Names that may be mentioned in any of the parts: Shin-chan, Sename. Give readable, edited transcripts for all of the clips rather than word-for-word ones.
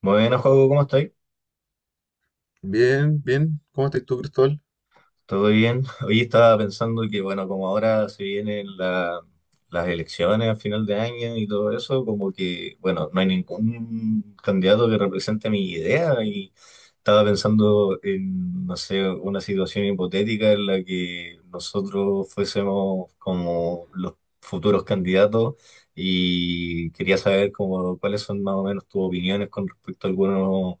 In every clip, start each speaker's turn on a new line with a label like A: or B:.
A: Bueno, Joaco, ¿cómo estás?
B: Bien, bien. ¿Cómo estás tú, Cristóbal?
A: ¿Todo bien? Hoy estaba pensando que, bueno, como ahora se vienen las elecciones a final de año y todo eso, como que, bueno, no hay ningún candidato que represente mi idea y estaba pensando en, no sé, una situación hipotética en la que nosotros fuésemos como los futuros candidatos y quería saber como cuáles son más o menos tus opiniones con respecto a algunos,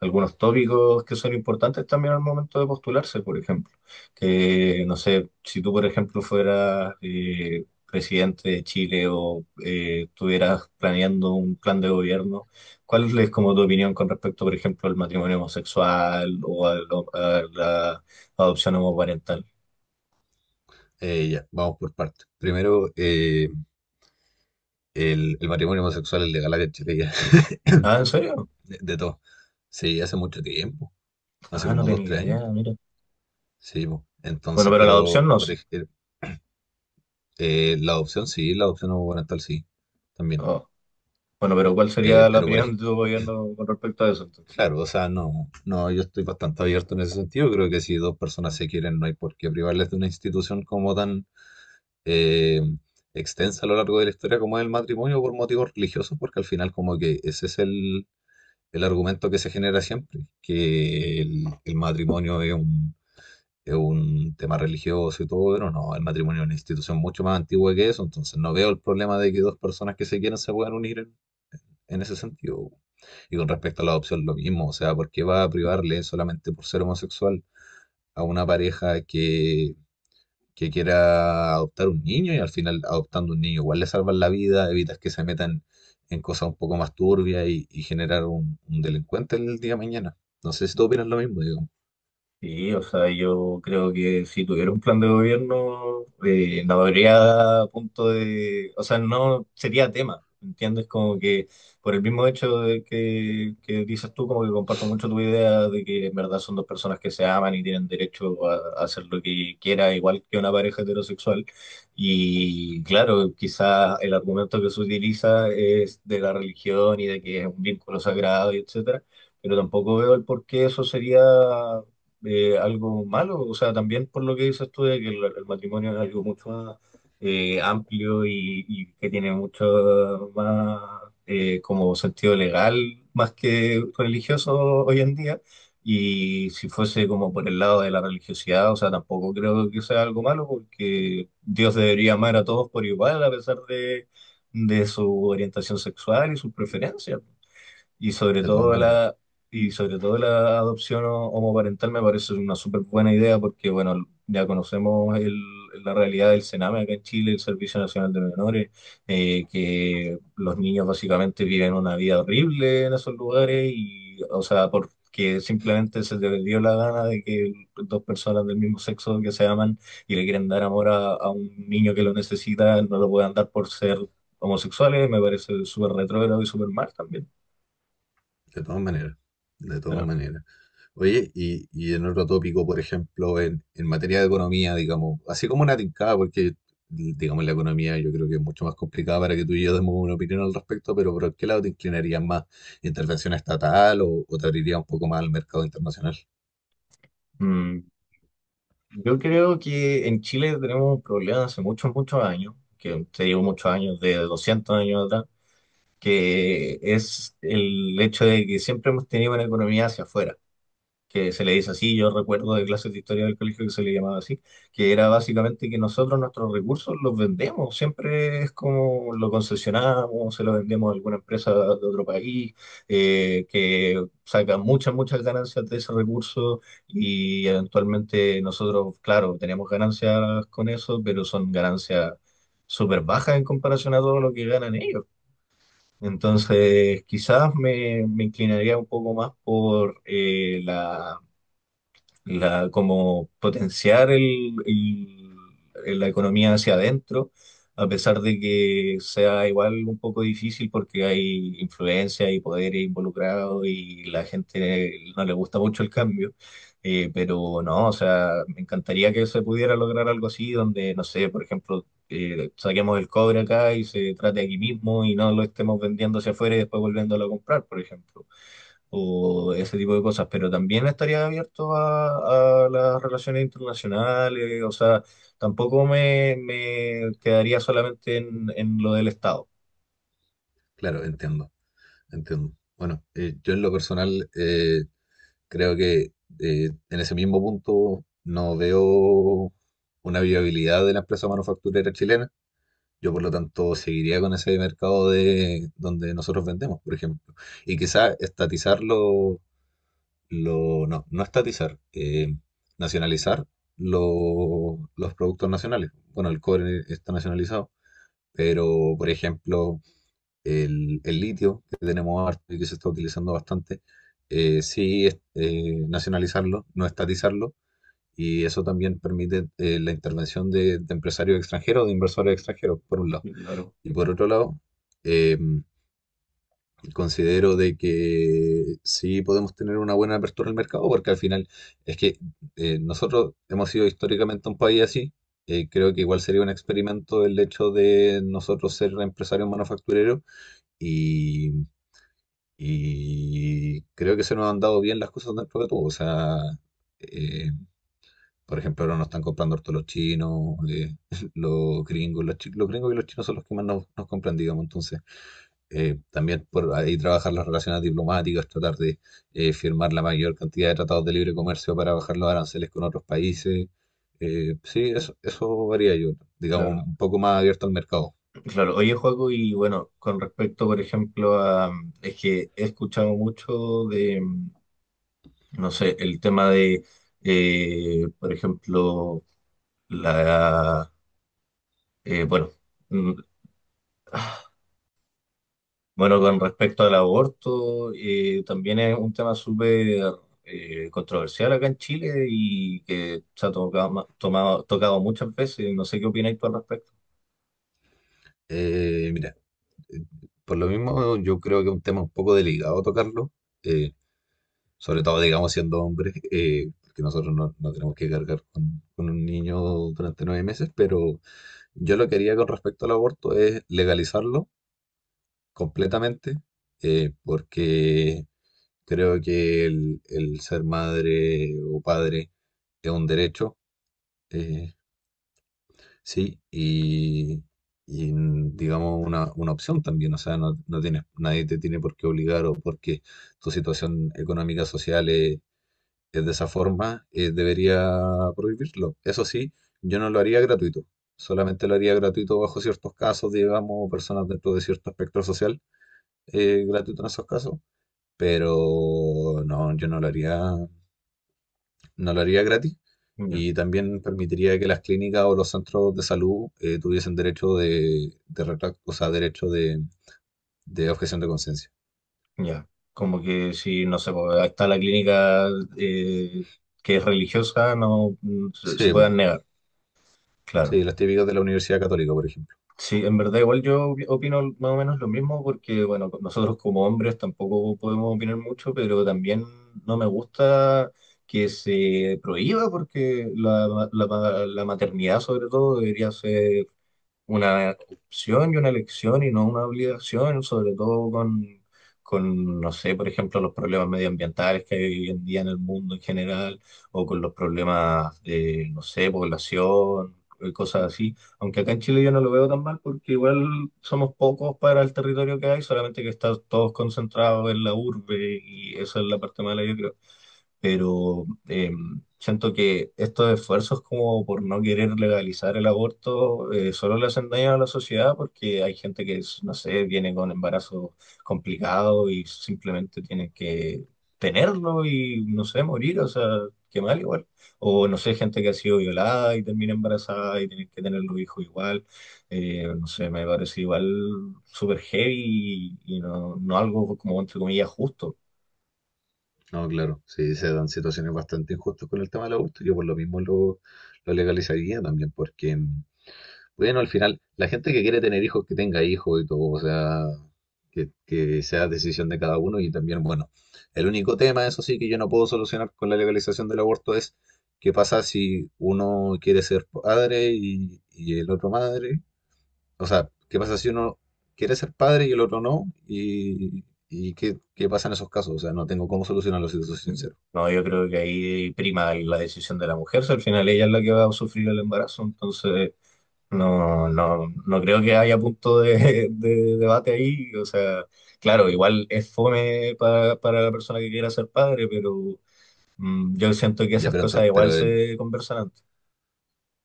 A: algunos tópicos que son importantes también al momento de postularse, por ejemplo que, no sé, si tú, por ejemplo, fueras presidente de Chile o estuvieras planeando un plan de gobierno, ¿cuál es como tu opinión con respecto, por ejemplo, al matrimonio homosexual o a la adopción homoparental?
B: Ya, vamos por partes. Primero, el matrimonio homosexual es legal acá en Chile ya,
A: Ah, ¿en serio?
B: de todo. Sí, hace mucho tiempo, hace
A: Ah, no
B: como dos,
A: tenía
B: tres años.
A: idea, mira.
B: Sí, po.
A: Bueno,
B: Entonces,
A: pero la adopción
B: pero
A: no,
B: por
A: sí.
B: ejemplo, la adopción sí, la adopción gubernamental sí, también.
A: Oh, bueno, pero ¿cuál sería la
B: Pero por
A: opinión
B: ejemplo,
A: de tu gobierno con respecto a eso entonces?
B: claro, o sea, no, yo estoy bastante abierto en ese sentido. Creo que si dos personas se quieren, no hay por qué privarles de una institución como tan eh, extensa a lo largo de la historia como es el matrimonio por motivos religiosos, porque al final como que ese es el argumento que se genera siempre, que el matrimonio es es un tema religioso y todo, pero no, el matrimonio es una institución mucho más antigua que eso, entonces no veo el problema de que dos personas que se quieren se puedan unir en ese sentido. Y con respecto a la adopción, lo mismo, o sea, ¿por qué va a privarle solamente por ser homosexual a una pareja que quiera adoptar un niño? Y al final adoptando un niño igual le salvan la vida, evitas que se metan en cosas un poco más turbias y generar un delincuente el día de mañana. No sé si tú opinas lo mismo, digo,
A: Sí, o sea, yo creo que si tuviera un plan de gobierno, no habría punto de, o sea, no sería tema, ¿entiendes? Como que por el mismo hecho de que dices tú, como que comparto mucho tu idea de que en verdad son dos personas que se aman y tienen derecho a hacer lo que quiera, igual que una pareja heterosexual. Y claro, quizás el argumento que se utiliza es de la religión y de que es un vínculo sagrado y etcétera, pero tampoco veo el por qué eso sería algo malo, o sea, también por lo que dices tú de que el matrimonio es algo mucho más amplio y que tiene mucho más como sentido legal más que religioso hoy en día. Y si fuese como por el lado de la religiosidad, o sea, tampoco creo que sea algo malo porque Dios debería amar a todos por igual a pesar de su orientación sexual y sus preferencias. Y sobre
B: de todas
A: todo
B: maneras,
A: la, y sobre todo la adopción homoparental me parece una súper buena idea porque, bueno, ya conocemos la realidad del Sename acá en Chile, el Servicio Nacional de Menores, que los niños básicamente viven una vida horrible en esos lugares y, o sea, porque simplemente se les dio la gana de que dos personas del mismo sexo que se aman y le quieren dar amor a un niño que lo necesita, no lo puedan dar por ser homosexuales, me parece súper retrógrado y súper mal también.
B: de todas maneras, de todas maneras. Oye, y en otro tópico, por ejemplo, en materia de economía, digamos, así como una tincada, porque digamos la economía yo creo que es mucho más complicada para que tú y yo demos una opinión al respecto, pero ¿por qué lado te inclinarías más? ¿Intervención estatal o te abriría un poco más al mercado internacional?
A: Mm, Yo creo que en Chile tenemos un problema hace muchos, muchos años, que te digo muchos años, de 200 años atrás, que es el hecho de que siempre hemos tenido una economía hacia afuera que se le dice así, yo recuerdo de clases de historia del colegio que se le llamaba así, que era básicamente que nosotros nuestros recursos los vendemos, siempre es como lo concesionamos, se lo vendemos a alguna empresa de otro país, que saca muchas, muchas ganancias de ese recurso y eventualmente nosotros, claro, tenemos ganancias con eso, pero son ganancias súper bajas en comparación a todo lo que ganan ellos. Entonces, quizás me inclinaría un poco más por como potenciar la economía hacia adentro, a pesar de que sea igual un poco difícil porque hay influencia y poderes involucrados y la gente no le gusta mucho el cambio. Pero no, o sea, me encantaría que se pudiera lograr algo así, donde, no sé, por ejemplo, saquemos el cobre acá y se trate aquí mismo y no lo estemos vendiendo hacia afuera y después volviéndolo a comprar, por ejemplo, o ese tipo de cosas. Pero también estaría abierto a las relaciones internacionales, o sea, tampoco me quedaría solamente en lo del Estado.
B: Claro, entiendo, entiendo. Bueno, yo en lo personal creo que en ese mismo punto no veo una viabilidad de la empresa manufacturera chilena. Yo, por lo tanto, seguiría con ese mercado de donde nosotros vendemos, por ejemplo. Y quizá estatizarlo, lo, no, no estatizar, nacionalizar los productos nacionales. Bueno, el cobre está nacionalizado, pero, por ejemplo, el litio que tenemos harto y que se está utilizando bastante, nacionalizarlo, no estatizarlo, y eso también permite la intervención de empresarios extranjeros, de inversores extranjeros, por un lado.
A: Claro,
B: Y por otro lado, eh, considero de que sí podemos tener una buena apertura al mercado, porque al final es que nosotros hemos sido históricamente un país así. Eh, creo que igual sería un experimento el hecho de nosotros ser empresarios manufactureros y y creo que se nos han dado bien las cosas dentro de todo. O sea, eh, por ejemplo, ahora nos están comprando harto los chinos, los gringos, los gringos y los chinos son los que más nos compran, digamos. Entonces, también por ahí trabajar las relaciones diplomáticas, tratar de firmar la mayor cantidad de tratados de libre comercio para bajar los aranceles con otros países. Sí, eso varía yo, digamos,
A: claro,
B: un poco más abierto al mercado.
A: claro. Oye, Joaco, y bueno, con respecto, por ejemplo, es que he escuchado mucho de, no sé, el tema por ejemplo, La, bueno, mm, bueno, con respecto al aborto, también es un tema súper controversial acá en Chile y que se ha tocado, muchas veces. No sé qué opináis tú al respecto.
B: Mira, eh, por lo mismo yo creo que es un tema un poco delicado tocarlo. Eh, Sobre todo, digamos, siendo hombres, porque nosotros no, no tenemos que cargar con un niño durante 9 meses, pero yo lo que haría con respecto al aborto es legalizarlo completamente, porque creo que el ser madre o padre es un derecho, eh, sí, y, mm, digamos una opción también, o sea, no, no tienes, nadie te tiene por qué obligar o porque tu situación económica, social es de esa forma, debería prohibirlo. Eso sí, yo no lo haría gratuito. Solamente lo haría gratuito bajo ciertos casos, digamos, o personas dentro de cierto espectro social, gratuito en esos casos. Pero no, yo no lo haría, no lo haría gratis.
A: Ya,
B: Y también permitiría que las clínicas o los centros de salud tuviesen derecho de o sea, derecho de objeción de conciencia.
A: ya. Como que si, no sé, pues, ahí está la clínica eh, que es religiosa, no, se
B: Sí, po.
A: puedan negar. Claro.
B: Sí, las típicas de la Universidad Católica, por ejemplo.
A: Sí, en verdad igual yo opino más o menos lo mismo porque, bueno, nosotros como hombres tampoco podemos opinar mucho, pero también no me gusta que se prohíba porque la maternidad sobre todo debería ser una opción y una elección y no una obligación, sobre todo con, no sé, por ejemplo, los problemas medioambientales que hay hoy en día en el mundo en general, o con los problemas de, no sé, población, cosas así. Aunque acá en Chile yo no lo veo tan mal porque igual somos pocos para el territorio que hay, solamente que está todos concentrados en la urbe y esa es la parte mala, yo creo, pero siento que estos esfuerzos como por no querer legalizar el aborto solo le hacen daño a la sociedad porque hay gente que, es, no sé, viene con embarazo complicado y simplemente tiene que tenerlo y, no sé, morir, o sea, qué mal igual. O, no sé, gente que ha sido violada y termina embarazada y tiene que tener los hijos igual. No sé, me parece igual súper heavy y no, no algo como, entre comillas, justo.
B: No, claro, sí, se dan situaciones bastante injustas con el tema del aborto. Yo por lo mismo lo legalizaría también, porque, mm, bueno, al final, la gente que quiere tener hijos, que tenga hijos y todo, o sea, que sea decisión de cada uno. Y también, bueno, el único tema, eso sí, que yo no puedo solucionar con la legalización del aborto es qué pasa si uno quiere ser padre y el otro madre. O sea, qué pasa si uno quiere ser padre y el otro no, y qué, qué pasa en esos casos. O sea, no tengo cómo solucionarlo, si te soy sincero.
A: No, yo creo que ahí prima la decisión de la mujer, si al final ella es la que va a sufrir el embarazo, entonces no, no, no creo que haya punto de debate ahí. O sea, claro, igual es fome para la persona que quiera ser padre, pero yo siento que
B: Ya,
A: esas
B: pero,
A: cosas igual
B: pero,
A: se conversan antes.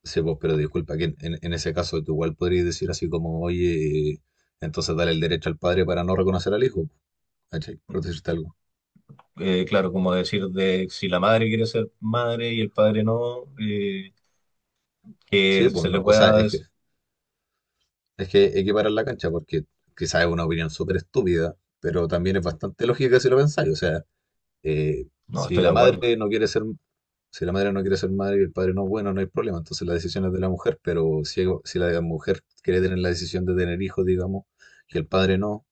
B: sí, pues, pero disculpa, que en ese caso tú igual podrías decir así como, oye, entonces dale el derecho al padre para no reconocer al hijo, ¿cachai? Por decirte algo.
A: Claro, como decir de si la madre quiere ser madre y el padre no,
B: Sí,
A: que
B: pues
A: se le
B: no, o sea,
A: pueda
B: es que equiparar la cancha porque quizás es una opinión súper estúpida, pero también es bastante lógica si lo pensáis. O sea, eh,
A: No,
B: si
A: estoy de
B: la
A: acuerdo.
B: madre no quiere ser, si la madre no quiere ser madre y el padre no, bueno, no hay problema, entonces la decisión es de la mujer, pero si, si la mujer quiere tener la decisión de tener hijos, digamos, y el padre no.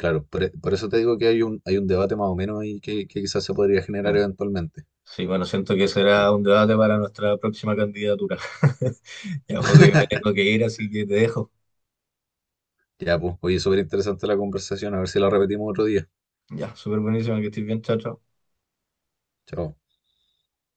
B: Claro, por, por eso te digo que hay un debate más o menos ahí que quizás se podría generar
A: Claro.
B: eventualmente.
A: Sí, bueno, siento que
B: Sí.
A: será un debate para nuestra próxima candidatura. Ya, Joaco, me tengo que ir, así que te dejo.
B: Ya, pues, oye, súper interesante la conversación, a ver si la repetimos otro día.
A: Ya, súper buenísimo que estés bien, chao, chao.
B: Chao.